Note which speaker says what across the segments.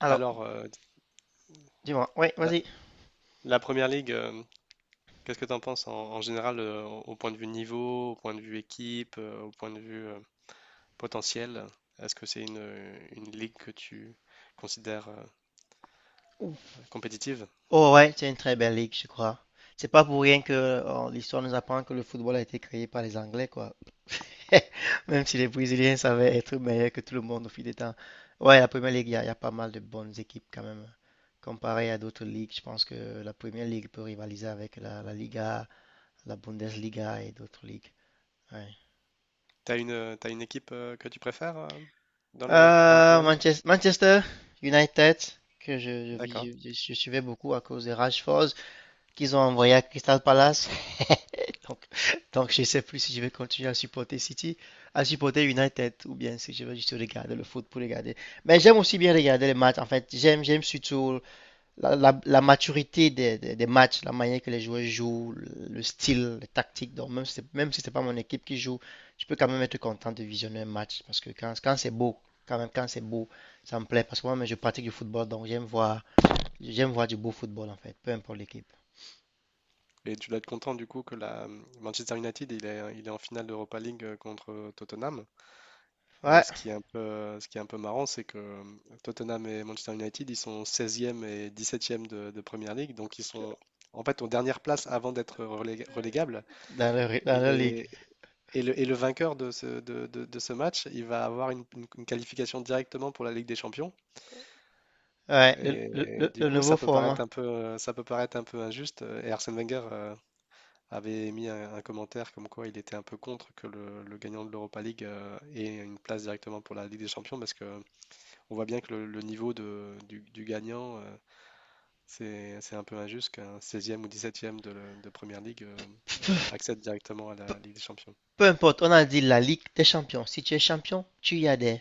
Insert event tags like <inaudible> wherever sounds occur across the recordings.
Speaker 1: Alors,
Speaker 2: Alors, euh,
Speaker 1: dis-moi, ouais,
Speaker 2: la,
Speaker 1: vas-y.
Speaker 2: la première ligue, qu'est-ce que tu en penses en général au point de vue niveau, au point de vue équipe, au point de vue potentiel? Est-ce que c'est une ligue que tu considères compétitive?
Speaker 1: Oh ouais, c'est une très belle ligue, je crois. C'est pas pour rien que l'histoire nous apprend que le football a été créé par les Anglais, quoi. <laughs> Même si les Brésiliens savaient être meilleurs que tout le monde au fil des temps. Ouais, la Première Ligue, il y a pas mal de bonnes équipes quand même. Comparé à d'autres ligues, je pense que la Première Ligue peut rivaliser avec la Liga, la Bundesliga et d'autres ligues. Ouais.
Speaker 2: T'as une équipe que tu préfères dans dans la première ligue?
Speaker 1: Manchester United, que je, je,
Speaker 2: D'accord.
Speaker 1: vis- je- je suivais beaucoup à cause de Rashford. Qu'ils ont envoyé à Crystal Palace. <laughs> donc, donc, je ne sais plus si je vais continuer à supporter City, à supporter United, ou bien si je vais juste regarder le foot pour regarder. Mais j'aime aussi bien regarder les matchs. En fait, j'aime surtout la maturité des matchs, la manière que les joueurs jouent, le style, les tactiques. Donc, même si ce n'est pas mon équipe qui joue, je peux quand même être content de visionner un match. Parce que quand c'est beau, quand même, quand c'est beau, ça me plaît. Parce que moi, je pratique du football, donc j'aime voir du beau football, en fait, peu importe l'équipe.
Speaker 2: Et tu dois être content du coup que la Manchester United il est en finale d'Europa League contre Tottenham. Et
Speaker 1: Ouais.
Speaker 2: ce qui est un peu marrant, c'est que Tottenham et Manchester United, ils sont seizième et dix-septième de Premier League, donc ils sont en fait aux dernières places avant d'être relégables. Et,
Speaker 1: Dans la ligue.
Speaker 2: les- et et le vainqueur de de ce match, il va avoir une qualification directement pour la Ligue des Champions.
Speaker 1: Ouais,
Speaker 2: Et, du
Speaker 1: le
Speaker 2: coup,
Speaker 1: nouveau format.
Speaker 2: ça peut paraître un peu injuste. Et Arsène Wenger avait mis un commentaire comme quoi il était un peu contre que le gagnant de l'Europa League ait une place directement pour la Ligue des Champions parce que on voit bien que le niveau du gagnant, c'est un peu injuste qu'un seizième ou dix-septième de Première Ligue
Speaker 1: Peu,
Speaker 2: accède directement à
Speaker 1: peu-
Speaker 2: la Ligue des Champions.
Speaker 1: Peu importe, on a dit la Ligue des Champions. Si tu es champion, tu y adhères.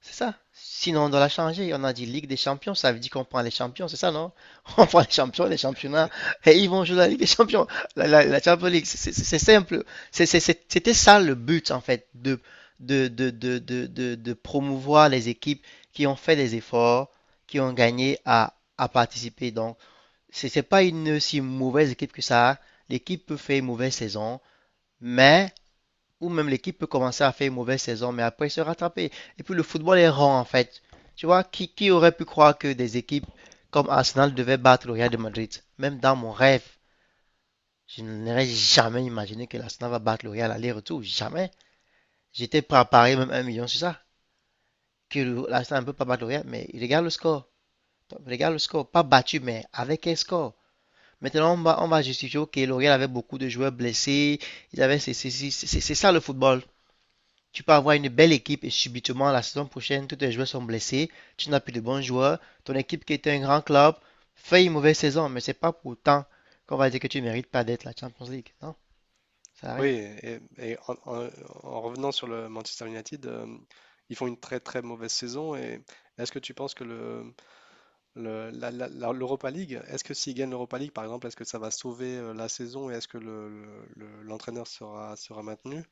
Speaker 1: C'est ça. Sinon, on doit la changer. On a dit Ligue des Champions, ça veut dire qu'on prend les champions, c'est ça, non? <laughs> On prend les champions, les championnats, et ils vont jouer la Ligue des Champions, la Champions League. C'est simple. C'était ça le but, en fait, de promouvoir les équipes qui ont fait des efforts, qui ont gagné à participer. Donc, c'est pas une si mauvaise équipe que ça. L'équipe peut faire une mauvaise saison, mais, ou même l'équipe peut commencer à faire une mauvaise saison, mais après se rattraper. Et puis le football est rond en fait. Tu vois, qui aurait pu croire que des équipes comme Arsenal devaient battre le Real de Madrid? Même dans mon rêve, je n'aurais jamais imaginé que l'Arsenal va battre le Real aller-retour. Jamais. J'étais prêt à parier même 1 million sur ça. Que l'Arsenal ne peut pas battre le Real, mais il regarde le score. Donc, regarde le score, pas battu, mais avec un score. Maintenant, on va justifier, ok, L'Oréal avait beaucoup de joueurs blessés, ils avaient, ça le football. Tu peux avoir une belle équipe et subitement, la saison prochaine, tous tes joueurs sont blessés, tu n'as plus de bons joueurs, ton équipe qui était un grand club fait une mauvaise saison, mais c'est pas pour autant qu'on va dire que tu ne mérites pas d'être la Champions League. Non, ça
Speaker 2: Oui,
Speaker 1: arrive.
Speaker 2: et, en revenant sur le Manchester United, ils font une très très mauvaise saison. Et est-ce que tu penses que l'Europa League, est-ce que s'ils gagnent l'Europa League, par exemple, est-ce que ça va sauver la saison et est-ce que l'entraîneur sera maintenu?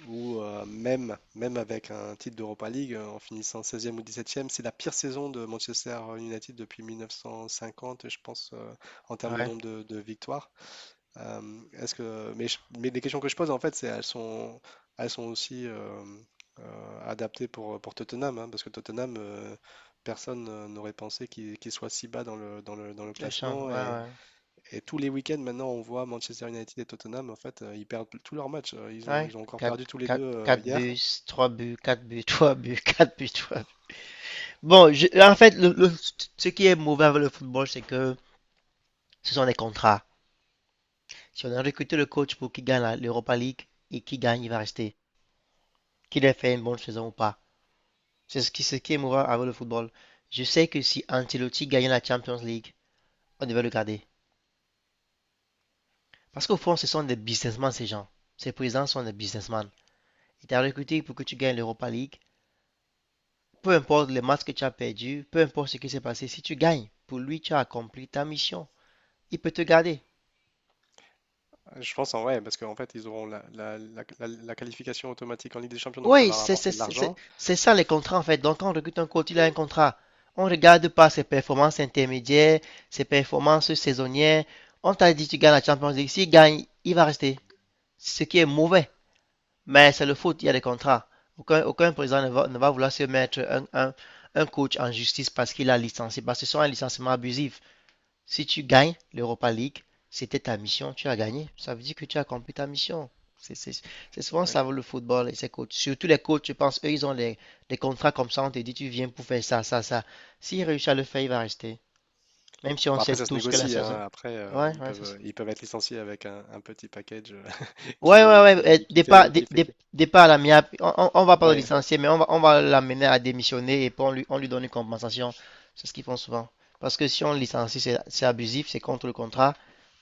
Speaker 2: Ou même, même avec un titre d'Europa League, en finissant seizième ou dix-septième, c'est la pire saison de Manchester United depuis 1950, je pense, en termes de
Speaker 1: Ouais,
Speaker 2: nombre de victoires. Est-ce que, mais, je- Mais les questions que je pose, en fait, c'est elles sont aussi adaptées pour Tottenham, hein, parce que Tottenham, personne n'aurait pensé qu'il soit si bas dans dans le
Speaker 1: c'est chiant,
Speaker 2: classement.
Speaker 1: ouais, ouais.
Speaker 2: Et tous les week-ends, maintenant, on voit Manchester United et Tottenham. En fait, ils perdent tous leurs matchs.
Speaker 1: Ouais,
Speaker 2: Ils ont encore
Speaker 1: Quatre
Speaker 2: perdu tous les deux
Speaker 1: quatre 4
Speaker 2: hier.
Speaker 1: buts, trois buts, quatre buts, <laughs> trois buts, quatre buts, trois buts. Bon, en fait, ce qui est mauvais avec le football, c'est que ce sont des contrats. Si on a recruté le coach pour qu'il gagne l'Europa League et qu'il gagne, il va rester. Qu'il ait fait une bonne saison ou pas. C'est ce qui est moral avec le football. Je sais que si Ancelotti gagnait la Champions League, on devait le garder. Parce qu'au fond, ce sont des businessmen, ces gens. Ces présidents sont des businessmen. Ils t'ont recruté pour que tu gagnes l'Europa League. Peu importe les matchs que tu as perdus, peu importe ce qui s'est passé, si tu gagnes, pour lui, tu as accompli ta mission. Il peut te garder.
Speaker 2: Je pense en vrai, parce qu'en fait, ils auront la qualification automatique en Ligue des Champions, donc ça
Speaker 1: Oui,
Speaker 2: va rapporter de l'argent.
Speaker 1: c'est ça les contrats en fait. Donc quand on recrute un coach, il a un contrat. On ne regarde pas ses performances intermédiaires, ses performances saisonnières. On t'a dit tu gagnes la Champions League, s'il gagne, il va rester. Ce qui est mauvais. Mais c'est le foot, il y a des contrats. Aucun président ne va vouloir se mettre un coach en justice parce qu'il a licencié, parce que ce sont un licenciement abusif. Si tu gagnes l'Europa League, c'était ta mission, tu as gagné. Ça veut dire que tu as accompli ta mission. C'est c'est- c'est souvent
Speaker 2: Ouais.
Speaker 1: ça le football et ses coachs. Surtout les coachs, je pense, eux, ils ont des les contrats comme ça. On te dit, tu viens pour faire ça, ça, ça. S'il réussit à le faire, il va rester. Même si on
Speaker 2: Bon,
Speaker 1: sait
Speaker 2: après, ça se
Speaker 1: tous que la
Speaker 2: négocie,
Speaker 1: saison.
Speaker 2: hein. Après,
Speaker 1: Ouais, ouais, ça
Speaker 2: ils peuvent être licenciés avec un petit package <laughs>
Speaker 1: Ouais, ouais, ouais, euh, départ,
Speaker 2: qui fait.
Speaker 1: départ à l'amiable. On va pas le
Speaker 2: Ouais.
Speaker 1: licencier, mais on va l'amener à démissionner et puis on lui donne une compensation. C'est ce qu'ils font souvent. Parce que si on le licencie, c'est abusif, c'est contre le contrat.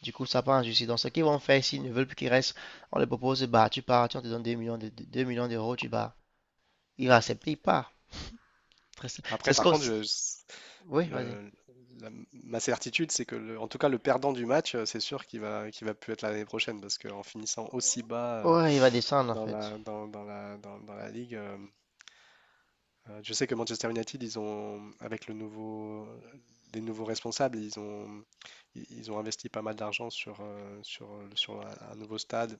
Speaker 1: Du coup, ça part en justice. Donc, ce qu'ils vont faire, s'ils ne veulent plus qu'il reste, on les propose, bah, tu pars, tiens, on te donne 2 millions de 2 millions d'euros, tu pars. Il va accepter, il part. Très simple. C'est
Speaker 2: Après,
Speaker 1: ce
Speaker 2: par
Speaker 1: qu'on.
Speaker 2: contre,
Speaker 1: Oui, vas-y.
Speaker 2: le- ma certitude, c'est que, en tout cas, le perdant du match, c'est sûr qu'il va plus être là l'année prochaine, parce qu'en finissant aussi bas
Speaker 1: Ouais, il va descendre en
Speaker 2: dans
Speaker 1: fait.
Speaker 2: dans la ligue, je sais que Manchester United, avec le nouveau, les nouveaux responsables, ils ont investi pas mal d'argent sur un nouveau stade.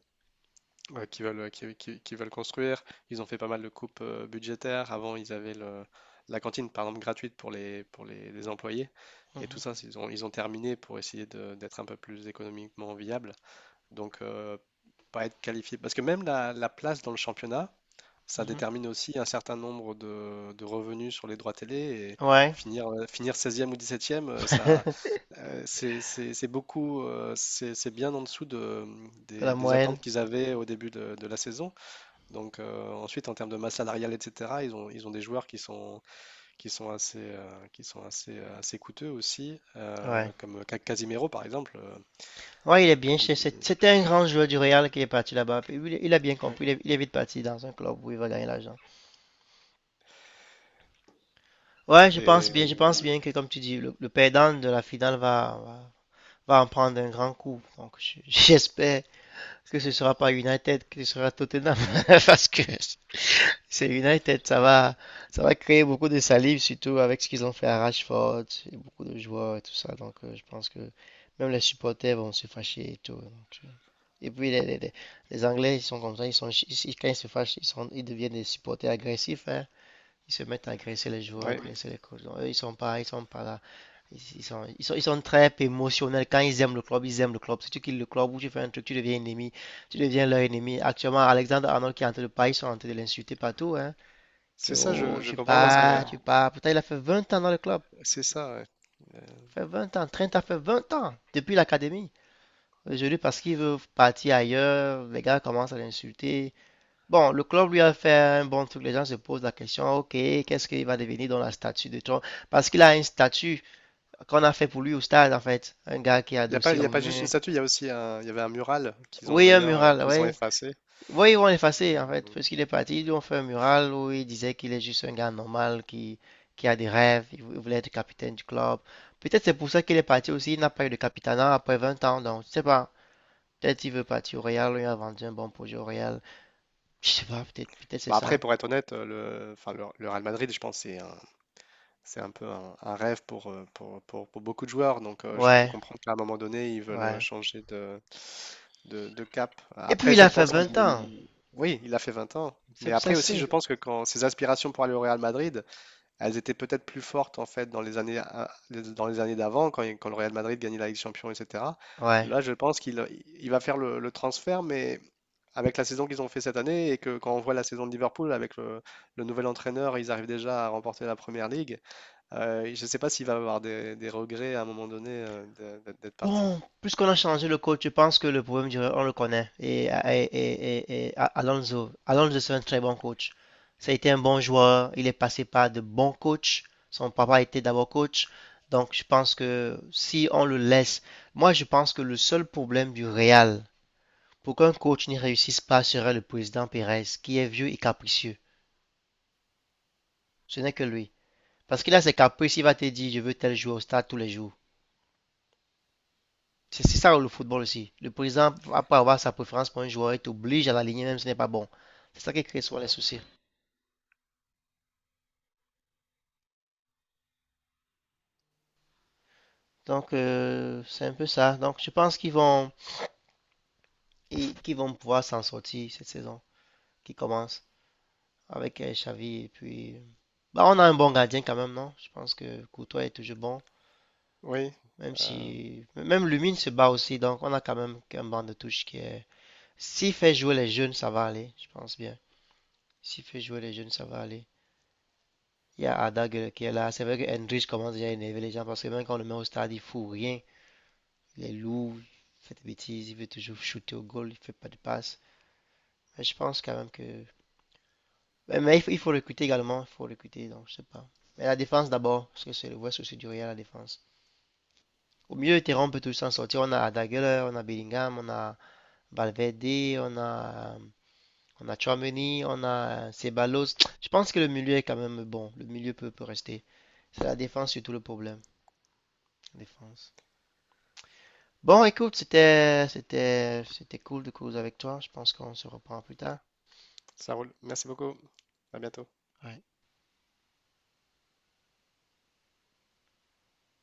Speaker 2: Ouais, qui veulent, qui veulent construire. Ils ont fait pas mal de coupes budgétaires. Avant, la cantine, par exemple, gratuite pour les employés. Et tout
Speaker 1: Mhm,
Speaker 2: ça, c'est, ils ont terminé pour essayer d'être un peu plus économiquement viable. Donc, pas être qualifié. Parce que même la place dans le championnat, ça
Speaker 1: mhm.
Speaker 2: détermine aussi un certain nombre de revenus sur les droits télé. Et
Speaker 1: Ouais,
Speaker 2: finir, finir seizième ou dix septième
Speaker 1: <laughs>
Speaker 2: ça, c'est beaucoup, c'est bien en dessous
Speaker 1: la
Speaker 2: des
Speaker 1: moyenne.
Speaker 2: attentes qu'ils avaient au début de la saison. Donc ensuite, en termes de masse salariale, etc., ils ont des joueurs qui sont assez, assez coûteux aussi,
Speaker 1: Ouais.
Speaker 2: comme Casimiro par exemple. Euh,
Speaker 1: Ouais, il est bien.
Speaker 2: il est-
Speaker 1: C'était un grand joueur du Real qui est parti là-bas. Il a bien
Speaker 2: ouais.
Speaker 1: compris. Il est vite parti dans un club où il va gagner l'argent. Ouais, je pense bien.
Speaker 2: Et
Speaker 1: Je pense bien que, comme tu dis, le perdant de la finale va en prendre un grand coup. Donc, <laughs> j'espère que ce sera pas United, que ce sera Tottenham. <laughs> Parce que c'est United, ça va créer beaucoup de salive, surtout avec ce qu'ils ont fait à Rashford et beaucoup de joueurs et tout ça. Donc, je pense que même les supporters vont se fâcher et tout. Donc, et puis les Anglais, ils sont comme ça, quand ils se fâchent, ils deviennent des supporters agressifs, hein. Ils se mettent à agresser les joueurs, oui,
Speaker 2: ouais,
Speaker 1: agresser les coachs. Donc, eux, ils sont pas là. Ils sont très émotionnels. Quand ils aiment le club, ils aiment le club. Si tu quittes le club ou tu fais un truc, tu deviens ennemi. Tu deviens leur ennemi. Actuellement, Alexander Arnold qui est en train de parler, ils sont en train de l'insulter partout, hein. Que
Speaker 2: c'est ça,
Speaker 1: oh,
Speaker 2: je
Speaker 1: tu
Speaker 2: comprends pas parce que ouais,
Speaker 1: pars, tu pars. Pourtant, il a fait 20 ans dans le club.
Speaker 2: c'est ça.
Speaker 1: Il a fait 20 ans. Trent a fait 20 ans depuis l'académie. Aujourd'hui, parce qu'il veut partir ailleurs, les gars commencent à l'insulter. Bon, le club lui a fait un bon truc. Les gens se posent la question, ok, qu'est-ce qu'il va devenir dans la statue de Trump? Parce qu'il a une statue qu'on a fait pour lui au stade, en fait. Un gars qui est
Speaker 2: Il n'y a pas,
Speaker 1: adossé
Speaker 2: Y a
Speaker 1: au
Speaker 2: pas juste une
Speaker 1: mur.
Speaker 2: statue, il y a aussi y avait un mural qu'ils ont
Speaker 1: Oui, un
Speaker 2: d'ailleurs
Speaker 1: mural,
Speaker 2: qu'ils ont
Speaker 1: oui.
Speaker 2: effacé.
Speaker 1: Oui, ils vont l'effacer, en fait.
Speaker 2: Bon.
Speaker 1: Parce qu'il est parti, ils lui ont fait un mural où il disait qu'il est juste un gars normal qui a des rêves. Il voulait être capitaine du club. Peut-être c'est pour ça qu'il est parti aussi. Il n'a pas eu de capitanat après 20 ans, donc je sais pas. Peut-être il veut partir au Real, il a vendu un bon projet au Real. Je sais pas, peut-être c'est
Speaker 2: Bah après,
Speaker 1: ça.
Speaker 2: pour être honnête, le Real Madrid, je pense, c'est un peu un rêve pour beaucoup de joueurs, donc je peux
Speaker 1: Ouais,
Speaker 2: comprendre qu'à un moment donné, ils veulent
Speaker 1: ouais.
Speaker 2: changer de cap.
Speaker 1: Et
Speaker 2: Après,
Speaker 1: puis il
Speaker 2: je
Speaker 1: a fait
Speaker 2: pense
Speaker 1: 20 ans.
Speaker 2: qu'il... Oui, il a fait 20 ans, mais
Speaker 1: C'est ça,
Speaker 2: après aussi, je
Speaker 1: c'est.
Speaker 2: pense que quand ses aspirations pour aller au Real Madrid, elles étaient peut-être plus fortes en fait dans les années, dans les années d'avant, quand le Real Madrid gagnait la Ligue des Champions, etc.
Speaker 1: Ouais.
Speaker 2: Là, je pense qu'il il va faire le transfert, mais avec la saison qu'ils ont fait cette année et que quand on voit la saison de Liverpool avec le nouvel entraîneur, ils arrivent déjà à remporter la première ligue. Je ne sais pas s'il va avoir des regrets à un moment donné d'être d'être parti.
Speaker 1: Bon, puisqu'on a changé le coach, je pense que le problème, on le connaît. Et Alonso, Alonso, c'est un très bon coach. Ça a été un bon joueur. Il est passé par de bons coachs. Son papa était d'abord coach. Donc, je pense que si on le laisse, moi, je pense que le seul problème du Real, pour qu'un coach n'y réussisse pas, serait le président Pérez, qui est vieux et capricieux. Ce n'est que lui. Parce qu'il a ses caprices, il va te dire, je veux tel joueur au stade tous les jours. C'est ça le football aussi. Le président, après avoir sa préférence pour un joueur, il t'oblige à l'aligner même si ce n'est pas bon. C'est ça qui crée souvent les soucis. Donc, c'est un peu ça. Donc, je pense qu'ils vont pouvoir s'en sortir cette saison qui commence avec Xavi. Et puis, bah, on a un bon gardien quand même, non? Je pense que Courtois est toujours bon.
Speaker 2: Oui,
Speaker 1: Même
Speaker 2: euh,
Speaker 1: si, même Lumine se bat aussi. Donc, on a quand même un banc de touche qui est. S'il fait jouer les jeunes, ça va aller. Je pense bien. S'il fait jouer les jeunes, ça va aller. Il y a Ada qui est là. C'est vrai que Hendrich commence déjà à énerver les gens parce que même quand on le met au stade, il ne fout rien. Il est lourd, il fait des bêtises, il veut toujours shooter au goal, il ne fait pas de passe. Mais je pense quand même que. Mais, il faut recruter également, il faut recruter, donc je sais pas. Mais la défense d'abord, parce que c'est le vrai souci du Real, la défense. Au milieu de terrain, on peut tous s'en sortir. On a Arda Güler, on a Bellingham, on a Valverde, on a Tchouaméni, on a Ceballos. Je pense que le milieu est quand même bon. Peut rester. C'est la défense surtout le problème. Défense. Bon, écoute, c'était cool de cause avec toi. Je pense qu'on se reprend plus tard.
Speaker 2: ça roule. Merci beaucoup. À bientôt.
Speaker 1: Ouais.